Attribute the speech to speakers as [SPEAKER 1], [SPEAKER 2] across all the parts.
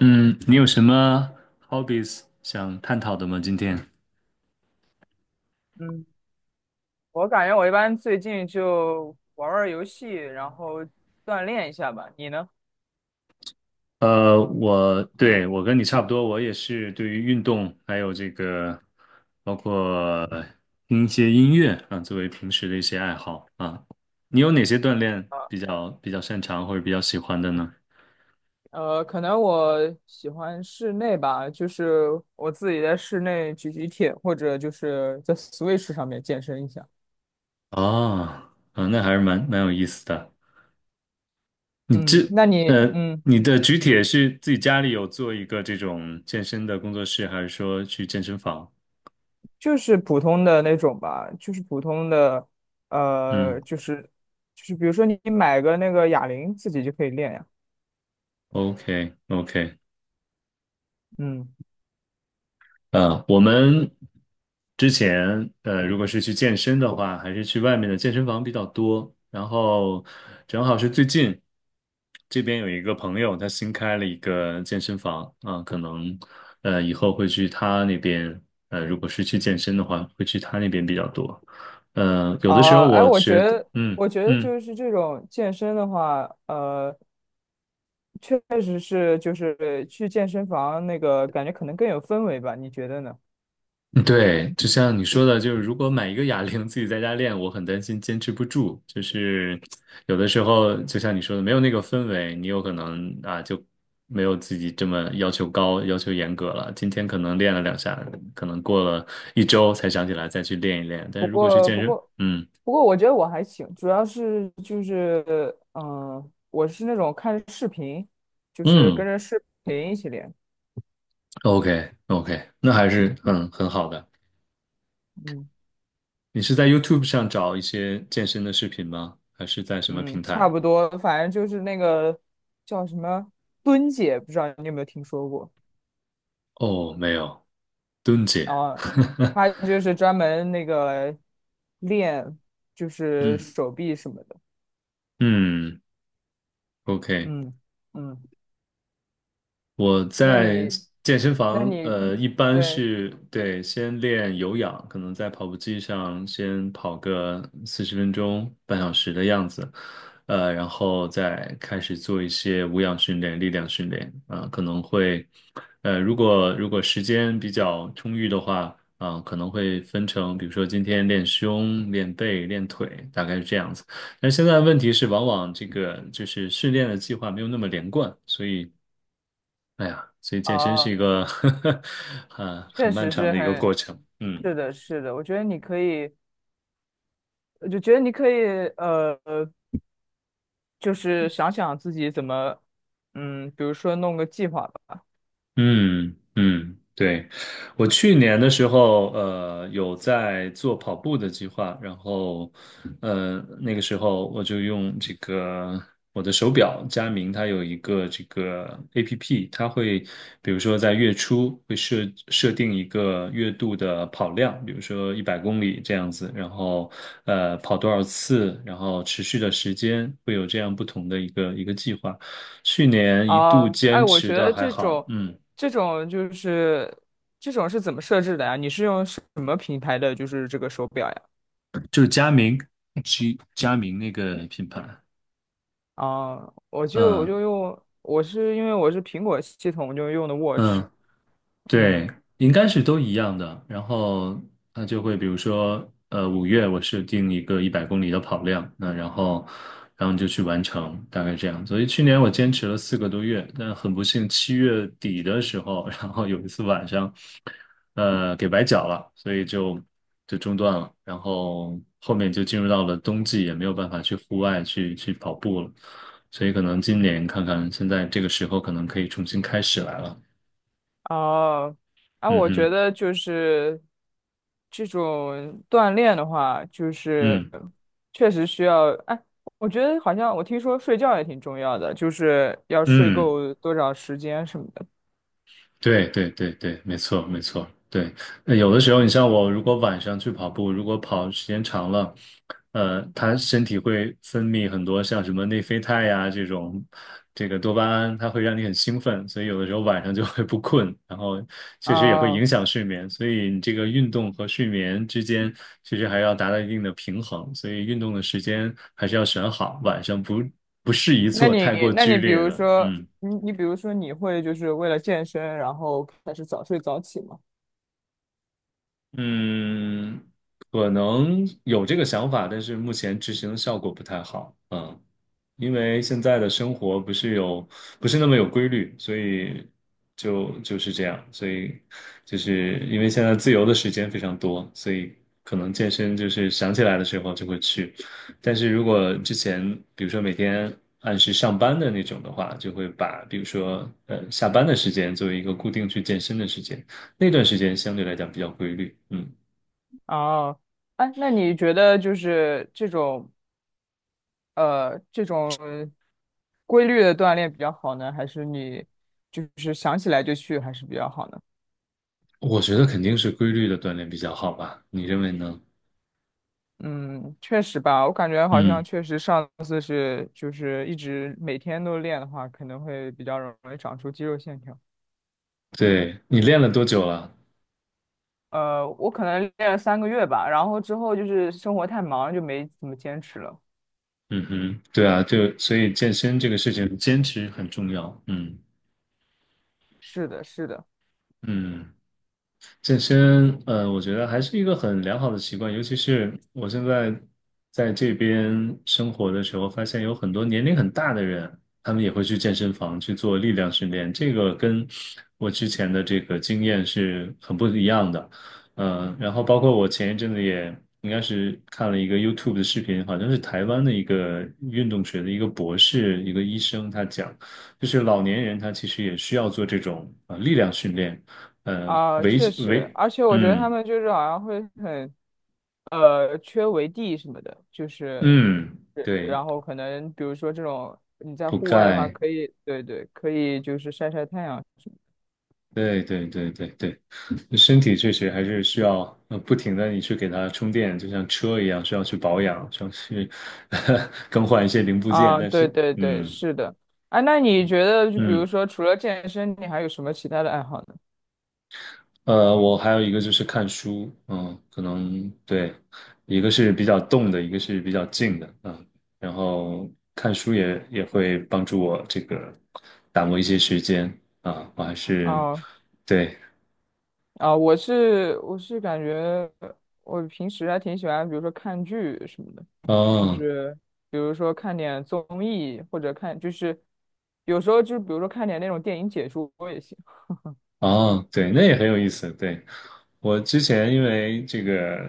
[SPEAKER 1] 嗯，你有什么 hobbies 想探讨的吗？今天？
[SPEAKER 2] 嗯，我感觉我一般最近就玩玩游戏，然后锻炼一下吧。你呢？
[SPEAKER 1] 我跟你差不多，我也是对于运动还有这个，包括听一些音乐啊，作为平时的一些爱好啊。你有哪些锻炼比较擅长或者比较喜欢的呢？
[SPEAKER 2] 可能我喜欢室内吧，就是我自己在室内举举铁，或者就是在 Switch 上面健身一下。
[SPEAKER 1] 哦，啊，那还是蛮有意思的。你这
[SPEAKER 2] 嗯，那你嗯，
[SPEAKER 1] 你的举铁是自己家里有做一个这种健身的工作室，还是说去健身房？
[SPEAKER 2] 就是普通的那种吧，就是普通的，
[SPEAKER 1] 嗯。
[SPEAKER 2] 呃，就是就是比如说你买个那个哑铃，自己就可以练呀。
[SPEAKER 1] OK OK，
[SPEAKER 2] 嗯。
[SPEAKER 1] 啊，我们之前如果是去健身的话，还是去外面的健身房比较多。然后正好是最近这边有一个朋友，他新开了一个健身房啊，可能以后会去他那边。如果是去健身的话，会去他那边比较多。有的时候
[SPEAKER 2] 啊，哎，
[SPEAKER 1] 我觉得，嗯
[SPEAKER 2] 我觉得
[SPEAKER 1] 嗯
[SPEAKER 2] 就是这种健身的话，确实是，就是去健身房那个感觉可能更有氛围吧，你觉得呢？
[SPEAKER 1] 嗯对，就像你说的，就是如果买一个哑铃自己在家练，我很担心坚持不住。就是有的时候，就像你说的，没有那个氛围，你有可能啊就没有自己这么要求高、要求严格了。今天可能练了两下，可能过了一周才想起来再去练一练。但
[SPEAKER 2] 不
[SPEAKER 1] 是如果去
[SPEAKER 2] 过，
[SPEAKER 1] 健
[SPEAKER 2] 不
[SPEAKER 1] 身，
[SPEAKER 2] 过，
[SPEAKER 1] 嗯
[SPEAKER 2] 不过，我觉得我还行，主要是就是，嗯、我是那种看视频，就是跟
[SPEAKER 1] 嗯
[SPEAKER 2] 着视频一起练，
[SPEAKER 1] ，OK OK，那还是很好的。
[SPEAKER 2] 嗯
[SPEAKER 1] 你是在 YouTube 上找一些健身的视频吗？还是在什么
[SPEAKER 2] 嗯，
[SPEAKER 1] 平
[SPEAKER 2] 差
[SPEAKER 1] 台？
[SPEAKER 2] 不多，反正就是那个叫什么蹲姐，不知道你有没有听说过？
[SPEAKER 1] 哦，没有，蹲姐。
[SPEAKER 2] 啊，她就是专门那个练，就是
[SPEAKER 1] 嗯
[SPEAKER 2] 手臂什么的，
[SPEAKER 1] 嗯，OK，
[SPEAKER 2] 嗯嗯。
[SPEAKER 1] 我
[SPEAKER 2] 那
[SPEAKER 1] 在
[SPEAKER 2] 你，
[SPEAKER 1] 健身
[SPEAKER 2] 那
[SPEAKER 1] 房，
[SPEAKER 2] 你，
[SPEAKER 1] 一般
[SPEAKER 2] 对，
[SPEAKER 1] 是先练有氧，可能在跑步机上先跑个40分钟、半小时的样子，然后再开始做一些无氧训练、力量训练，啊、可能会，如果时间比较充裕的话，啊、可能会分成，比如说今天练胸、练背、练腿，大概是这样子。但现在问题是，往往这个就是训练的计划没有那么连贯，所以。哎呀，所以健身是一
[SPEAKER 2] 哦，
[SPEAKER 1] 个 啊很
[SPEAKER 2] 确
[SPEAKER 1] 漫
[SPEAKER 2] 实
[SPEAKER 1] 长
[SPEAKER 2] 是
[SPEAKER 1] 的一个
[SPEAKER 2] 很，
[SPEAKER 1] 过程。嗯，
[SPEAKER 2] 是的，是的，我就觉得你可以，呃，呃，就是想想自己怎么，嗯，比如说弄个计划吧。
[SPEAKER 1] 嗯嗯，对，我去年的时候，有在做跑步的计划，然后，那个时候我就用这个我的手表佳明，它有一个这个 APP，它会比如说在月初会设定一个月度的跑量，比如说一百公里这样子，然后跑多少次，然后持续的时间，会有这样不同的一个一个计划。去年一度
[SPEAKER 2] 啊，哎，
[SPEAKER 1] 坚
[SPEAKER 2] 我
[SPEAKER 1] 持
[SPEAKER 2] 觉
[SPEAKER 1] 的
[SPEAKER 2] 得
[SPEAKER 1] 还
[SPEAKER 2] 这
[SPEAKER 1] 好，
[SPEAKER 2] 种，
[SPEAKER 1] 嗯。
[SPEAKER 2] 这种就是这种是怎么设置的呀？你是用什么品牌的就是这个手表呀？
[SPEAKER 1] 就是佳明，G 佳明那个品牌，
[SPEAKER 2] 啊，我就我
[SPEAKER 1] 嗯
[SPEAKER 2] 就用，我是因为我是苹果系统，我就用的 Watch,
[SPEAKER 1] 嗯，
[SPEAKER 2] 嗯。
[SPEAKER 1] 对，应该是都一样的。然后它就会，比如说，五月我设定一个一百公里的跑量，那然后就去完成，大概这样。所以去年我坚持了4个多月，但很不幸，七月底的时候，然后有一次晚上，给崴脚了，所以就中断了。然后后面就进入到了冬季，也没有办法去户外去跑步了。所以可能今年看看，现在这个时候可能可以重新开始来了。
[SPEAKER 2] 哦，啊，
[SPEAKER 1] 嗯
[SPEAKER 2] 我觉
[SPEAKER 1] 哼，
[SPEAKER 2] 得就是这种锻炼的话，就是
[SPEAKER 1] 嗯。
[SPEAKER 2] 确实需要。哎，我觉得好像我听说睡觉也挺重要的，就是要睡
[SPEAKER 1] 嗯，
[SPEAKER 2] 够多少时间什么的。
[SPEAKER 1] 对对对对，没错没错，对。那有的时候，你像我，如果晚上去跑步，如果跑时间长了，它身体会分泌很多像什么内啡肽呀、这种，这个多巴胺，它会让你很兴奋，所以有的时候晚上就会不困，然后确实也会影
[SPEAKER 2] 哦，
[SPEAKER 1] 响睡眠，所以你这个运动和睡眠之间其实还要达到一定的平衡，所以运动的时间还是要选好，晚上不适宜
[SPEAKER 2] 那
[SPEAKER 1] 做太
[SPEAKER 2] 你
[SPEAKER 1] 过
[SPEAKER 2] 那
[SPEAKER 1] 剧
[SPEAKER 2] 你比
[SPEAKER 1] 烈
[SPEAKER 2] 如
[SPEAKER 1] 的，
[SPEAKER 2] 说，
[SPEAKER 1] 嗯
[SPEAKER 2] 你你比如说你会就是为了健身，然后开始早睡早起吗？
[SPEAKER 1] 嗯，可能有这个想法，但是目前执行的效果不太好。嗯，因为现在的生活不是那么有规律，所以就是这样。所以就是因为现在自由的时间非常多，所以可能健身就是想起来的时候就会去。但是如果之前，比如说每天按时上班的那种的话，就会把比如说下班的时间作为一个固定去健身的时间。那段时间相对来讲比较规律，嗯，
[SPEAKER 2] 哦，哎，那你觉得就是这种。规律的锻炼比较好呢，还是你就是想起来就去还是比较好呢？
[SPEAKER 1] 我觉得肯定是规律的锻炼比较好吧，你认为呢？
[SPEAKER 2] 嗯，确实吧，我感觉好像
[SPEAKER 1] 嗯，
[SPEAKER 2] 确实上次是就是一直每天都练的话，可能会比较容易长出肌肉线条。
[SPEAKER 1] 对，你练了多久了？
[SPEAKER 2] 我可能练了三个月吧，然后之后就是生活太忙了就没怎么坚持了。
[SPEAKER 1] 嗯哼，对啊，就所以健身这个事情坚持很重要，嗯
[SPEAKER 2] 是的，是的。
[SPEAKER 1] 嗯。健身，我觉得还是一个很良好的习惯，尤其是我现在在这边生活的时候，发现有很多年龄很大的人，他们也会去健身房去做力量训练，这个跟我之前的这个经验是很不一样的。然后包括我前一阵子也应该是看了一个 YouTube 的视频，好像是台湾的一个运动学的一个博士，一个医生，他讲，就是老年人他其实也需要做这种力量训练。呃，
[SPEAKER 2] 啊，
[SPEAKER 1] 维
[SPEAKER 2] 确实，
[SPEAKER 1] 维，
[SPEAKER 2] 而且我觉得他
[SPEAKER 1] 嗯
[SPEAKER 2] 们就是好像会很，缺围地什么的，就是，
[SPEAKER 1] 嗯，
[SPEAKER 2] 对
[SPEAKER 1] 对，
[SPEAKER 2] 然后可能比如说这种你在
[SPEAKER 1] 补
[SPEAKER 2] 户外的话，
[SPEAKER 1] 钙，
[SPEAKER 2] 可以，对对，可以就是晒晒太阳什么
[SPEAKER 1] 对对对对对，身体确实还是需要不停的你去给它充电，就像车一样，需要去保养，需要去 更换一些零部
[SPEAKER 2] 的
[SPEAKER 1] 件，
[SPEAKER 2] 啊，
[SPEAKER 1] 但
[SPEAKER 2] 对
[SPEAKER 1] 是，
[SPEAKER 2] 对对，
[SPEAKER 1] 嗯
[SPEAKER 2] 是的，啊，那你觉得就比如
[SPEAKER 1] 嗯。
[SPEAKER 2] 说除了健身，你还有什么其他的爱好呢？
[SPEAKER 1] 我还有一个就是看书，嗯，可能对，一个是比较动的，一个是比较静的，嗯，然后看书也会帮助我这个打磨一些时间啊，我还是
[SPEAKER 2] 哦、
[SPEAKER 1] 对，
[SPEAKER 2] 啊，我是感觉我平时还挺喜欢，比如说看剧什么的，就
[SPEAKER 1] 哦
[SPEAKER 2] 是比如说看点综艺或者看，就是有时候就是比如说看点那种电影解说也行。
[SPEAKER 1] 哦，对，那也很有意思，对，我之前因为这个，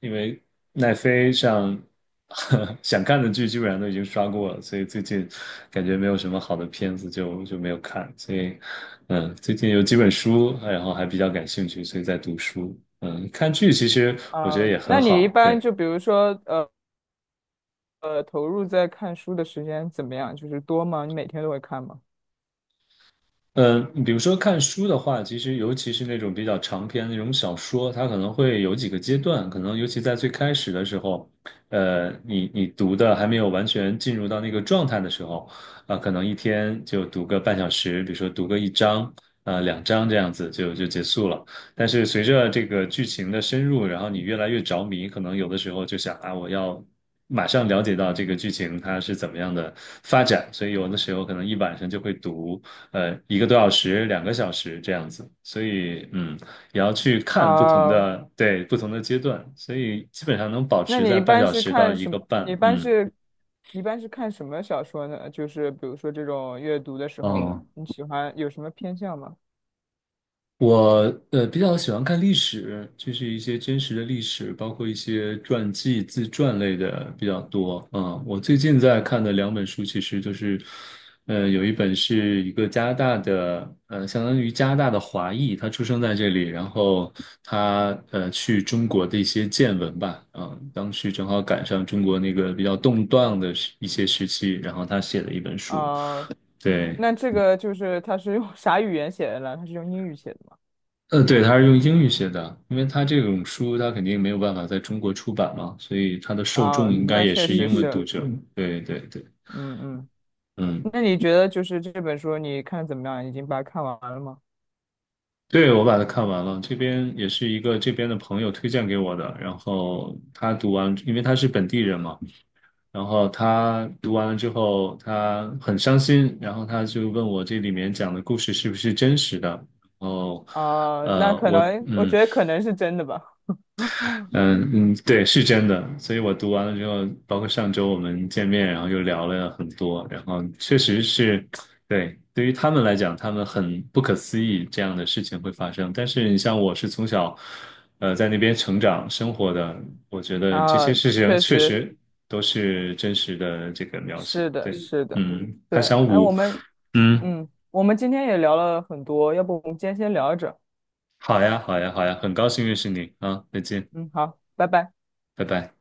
[SPEAKER 1] 因为奈飞上 想看的剧基本上都已经刷过了，所以最近感觉没有什么好的片子就没有看。所以，嗯，最近有几本书，然后还比较感兴趣，所以在读书。嗯，看剧其实我觉得
[SPEAKER 2] 啊，
[SPEAKER 1] 也
[SPEAKER 2] 那
[SPEAKER 1] 很
[SPEAKER 2] 你一
[SPEAKER 1] 好，
[SPEAKER 2] 般
[SPEAKER 1] 对。
[SPEAKER 2] 就比如说呃呃投入在看书的时间怎么样？就是多吗？你每天都会看吗？
[SPEAKER 1] 嗯呃比如说看书的话，其实尤其是那种比较长篇的那种小说，它可能会有几个阶段，可能尤其在最开始的时候，呃，你你读的还没有完全进入到那个状态的时候，啊、可能一天就读个半小时，比如说读个一章，呃，两章这样子就就结束了。但是随着这个剧情的深入，然后你越来越着迷，可能有的时候就想啊，我要。马上了解到这个剧情它是怎么样的发展，所以有的时候可能一晚上就会读，呃1个多小时、2个小时这样子，所以嗯，也要去看不同
[SPEAKER 2] 啊，
[SPEAKER 1] 的，对，不同的阶段，所以基本上能保
[SPEAKER 2] 那
[SPEAKER 1] 持
[SPEAKER 2] 你
[SPEAKER 1] 在
[SPEAKER 2] 一
[SPEAKER 1] 半
[SPEAKER 2] 般
[SPEAKER 1] 小
[SPEAKER 2] 是
[SPEAKER 1] 时到
[SPEAKER 2] 看
[SPEAKER 1] 一
[SPEAKER 2] 什
[SPEAKER 1] 个
[SPEAKER 2] 么？
[SPEAKER 1] 半，
[SPEAKER 2] 你一般
[SPEAKER 1] 嗯，
[SPEAKER 2] 是一般是看什么小说呢？就是比如说这种阅读的时
[SPEAKER 1] 嗯
[SPEAKER 2] 候，
[SPEAKER 1] 哦，
[SPEAKER 2] 你喜欢有什么偏向吗？
[SPEAKER 1] 我比较喜欢看历史，就是一些真实的历史，包括一些传记、自传类的比较多。嗯，我最近在看的两本书，其实就是，有一本是一个加拿大的，相当于加拿大的华裔，他出生在这里，然后他去中国的一些见闻吧。嗯，当时正好赶上中国那个比较动荡的一些时期，然后他写了一本书。
[SPEAKER 2] 啊、
[SPEAKER 1] 对。
[SPEAKER 2] 那这个就是它是用 啥语言写的呢？它是用英语写的吗？
[SPEAKER 1] 对，他是用英语写的，因为他这种书他肯定没有办法在中国出版嘛，所以他的受
[SPEAKER 2] 啊、
[SPEAKER 1] 众应该
[SPEAKER 2] 那
[SPEAKER 1] 也
[SPEAKER 2] 确
[SPEAKER 1] 是
[SPEAKER 2] 实
[SPEAKER 1] 英文读
[SPEAKER 2] 是，
[SPEAKER 1] 者。对对对，
[SPEAKER 2] 嗯嗯。
[SPEAKER 1] 嗯，
[SPEAKER 2] 那你觉得就是这本书你看得怎么样？已经把它看完了吗？
[SPEAKER 1] 对，我把它看完了，这边也是一个这边的朋友推荐给我的，然后他读完，因为他是本地人嘛，然后他读完了之后，他很伤心，然后他就问我这里面讲的故事是不是真实的，然后，
[SPEAKER 2] 啊、那可
[SPEAKER 1] 我
[SPEAKER 2] 能我
[SPEAKER 1] 嗯。
[SPEAKER 2] 觉得可能是真的吧。
[SPEAKER 1] 嗯嗯，对，是真的。所以我读完了之后，包括上周我们见面，然后又聊了很多，然后确实是，对，对于他们来讲，他们很不可思议这样的事情会发生。但是你像我是从小，在那边成长生活的，我觉得这些
[SPEAKER 2] 啊，
[SPEAKER 1] 事情
[SPEAKER 2] 确
[SPEAKER 1] 确
[SPEAKER 2] 实
[SPEAKER 1] 实都是真实的这个描写。
[SPEAKER 2] 是的，
[SPEAKER 1] 对，
[SPEAKER 2] 是的，
[SPEAKER 1] 嗯，他
[SPEAKER 2] 对。
[SPEAKER 1] 想
[SPEAKER 2] 哎，
[SPEAKER 1] 五，嗯，
[SPEAKER 2] 嗯，我们今天也聊了很多，要不我们今天先聊着。
[SPEAKER 1] 好呀，好呀，好呀，很高兴认识你啊，再见，
[SPEAKER 2] 嗯，好，拜拜。
[SPEAKER 1] 拜拜。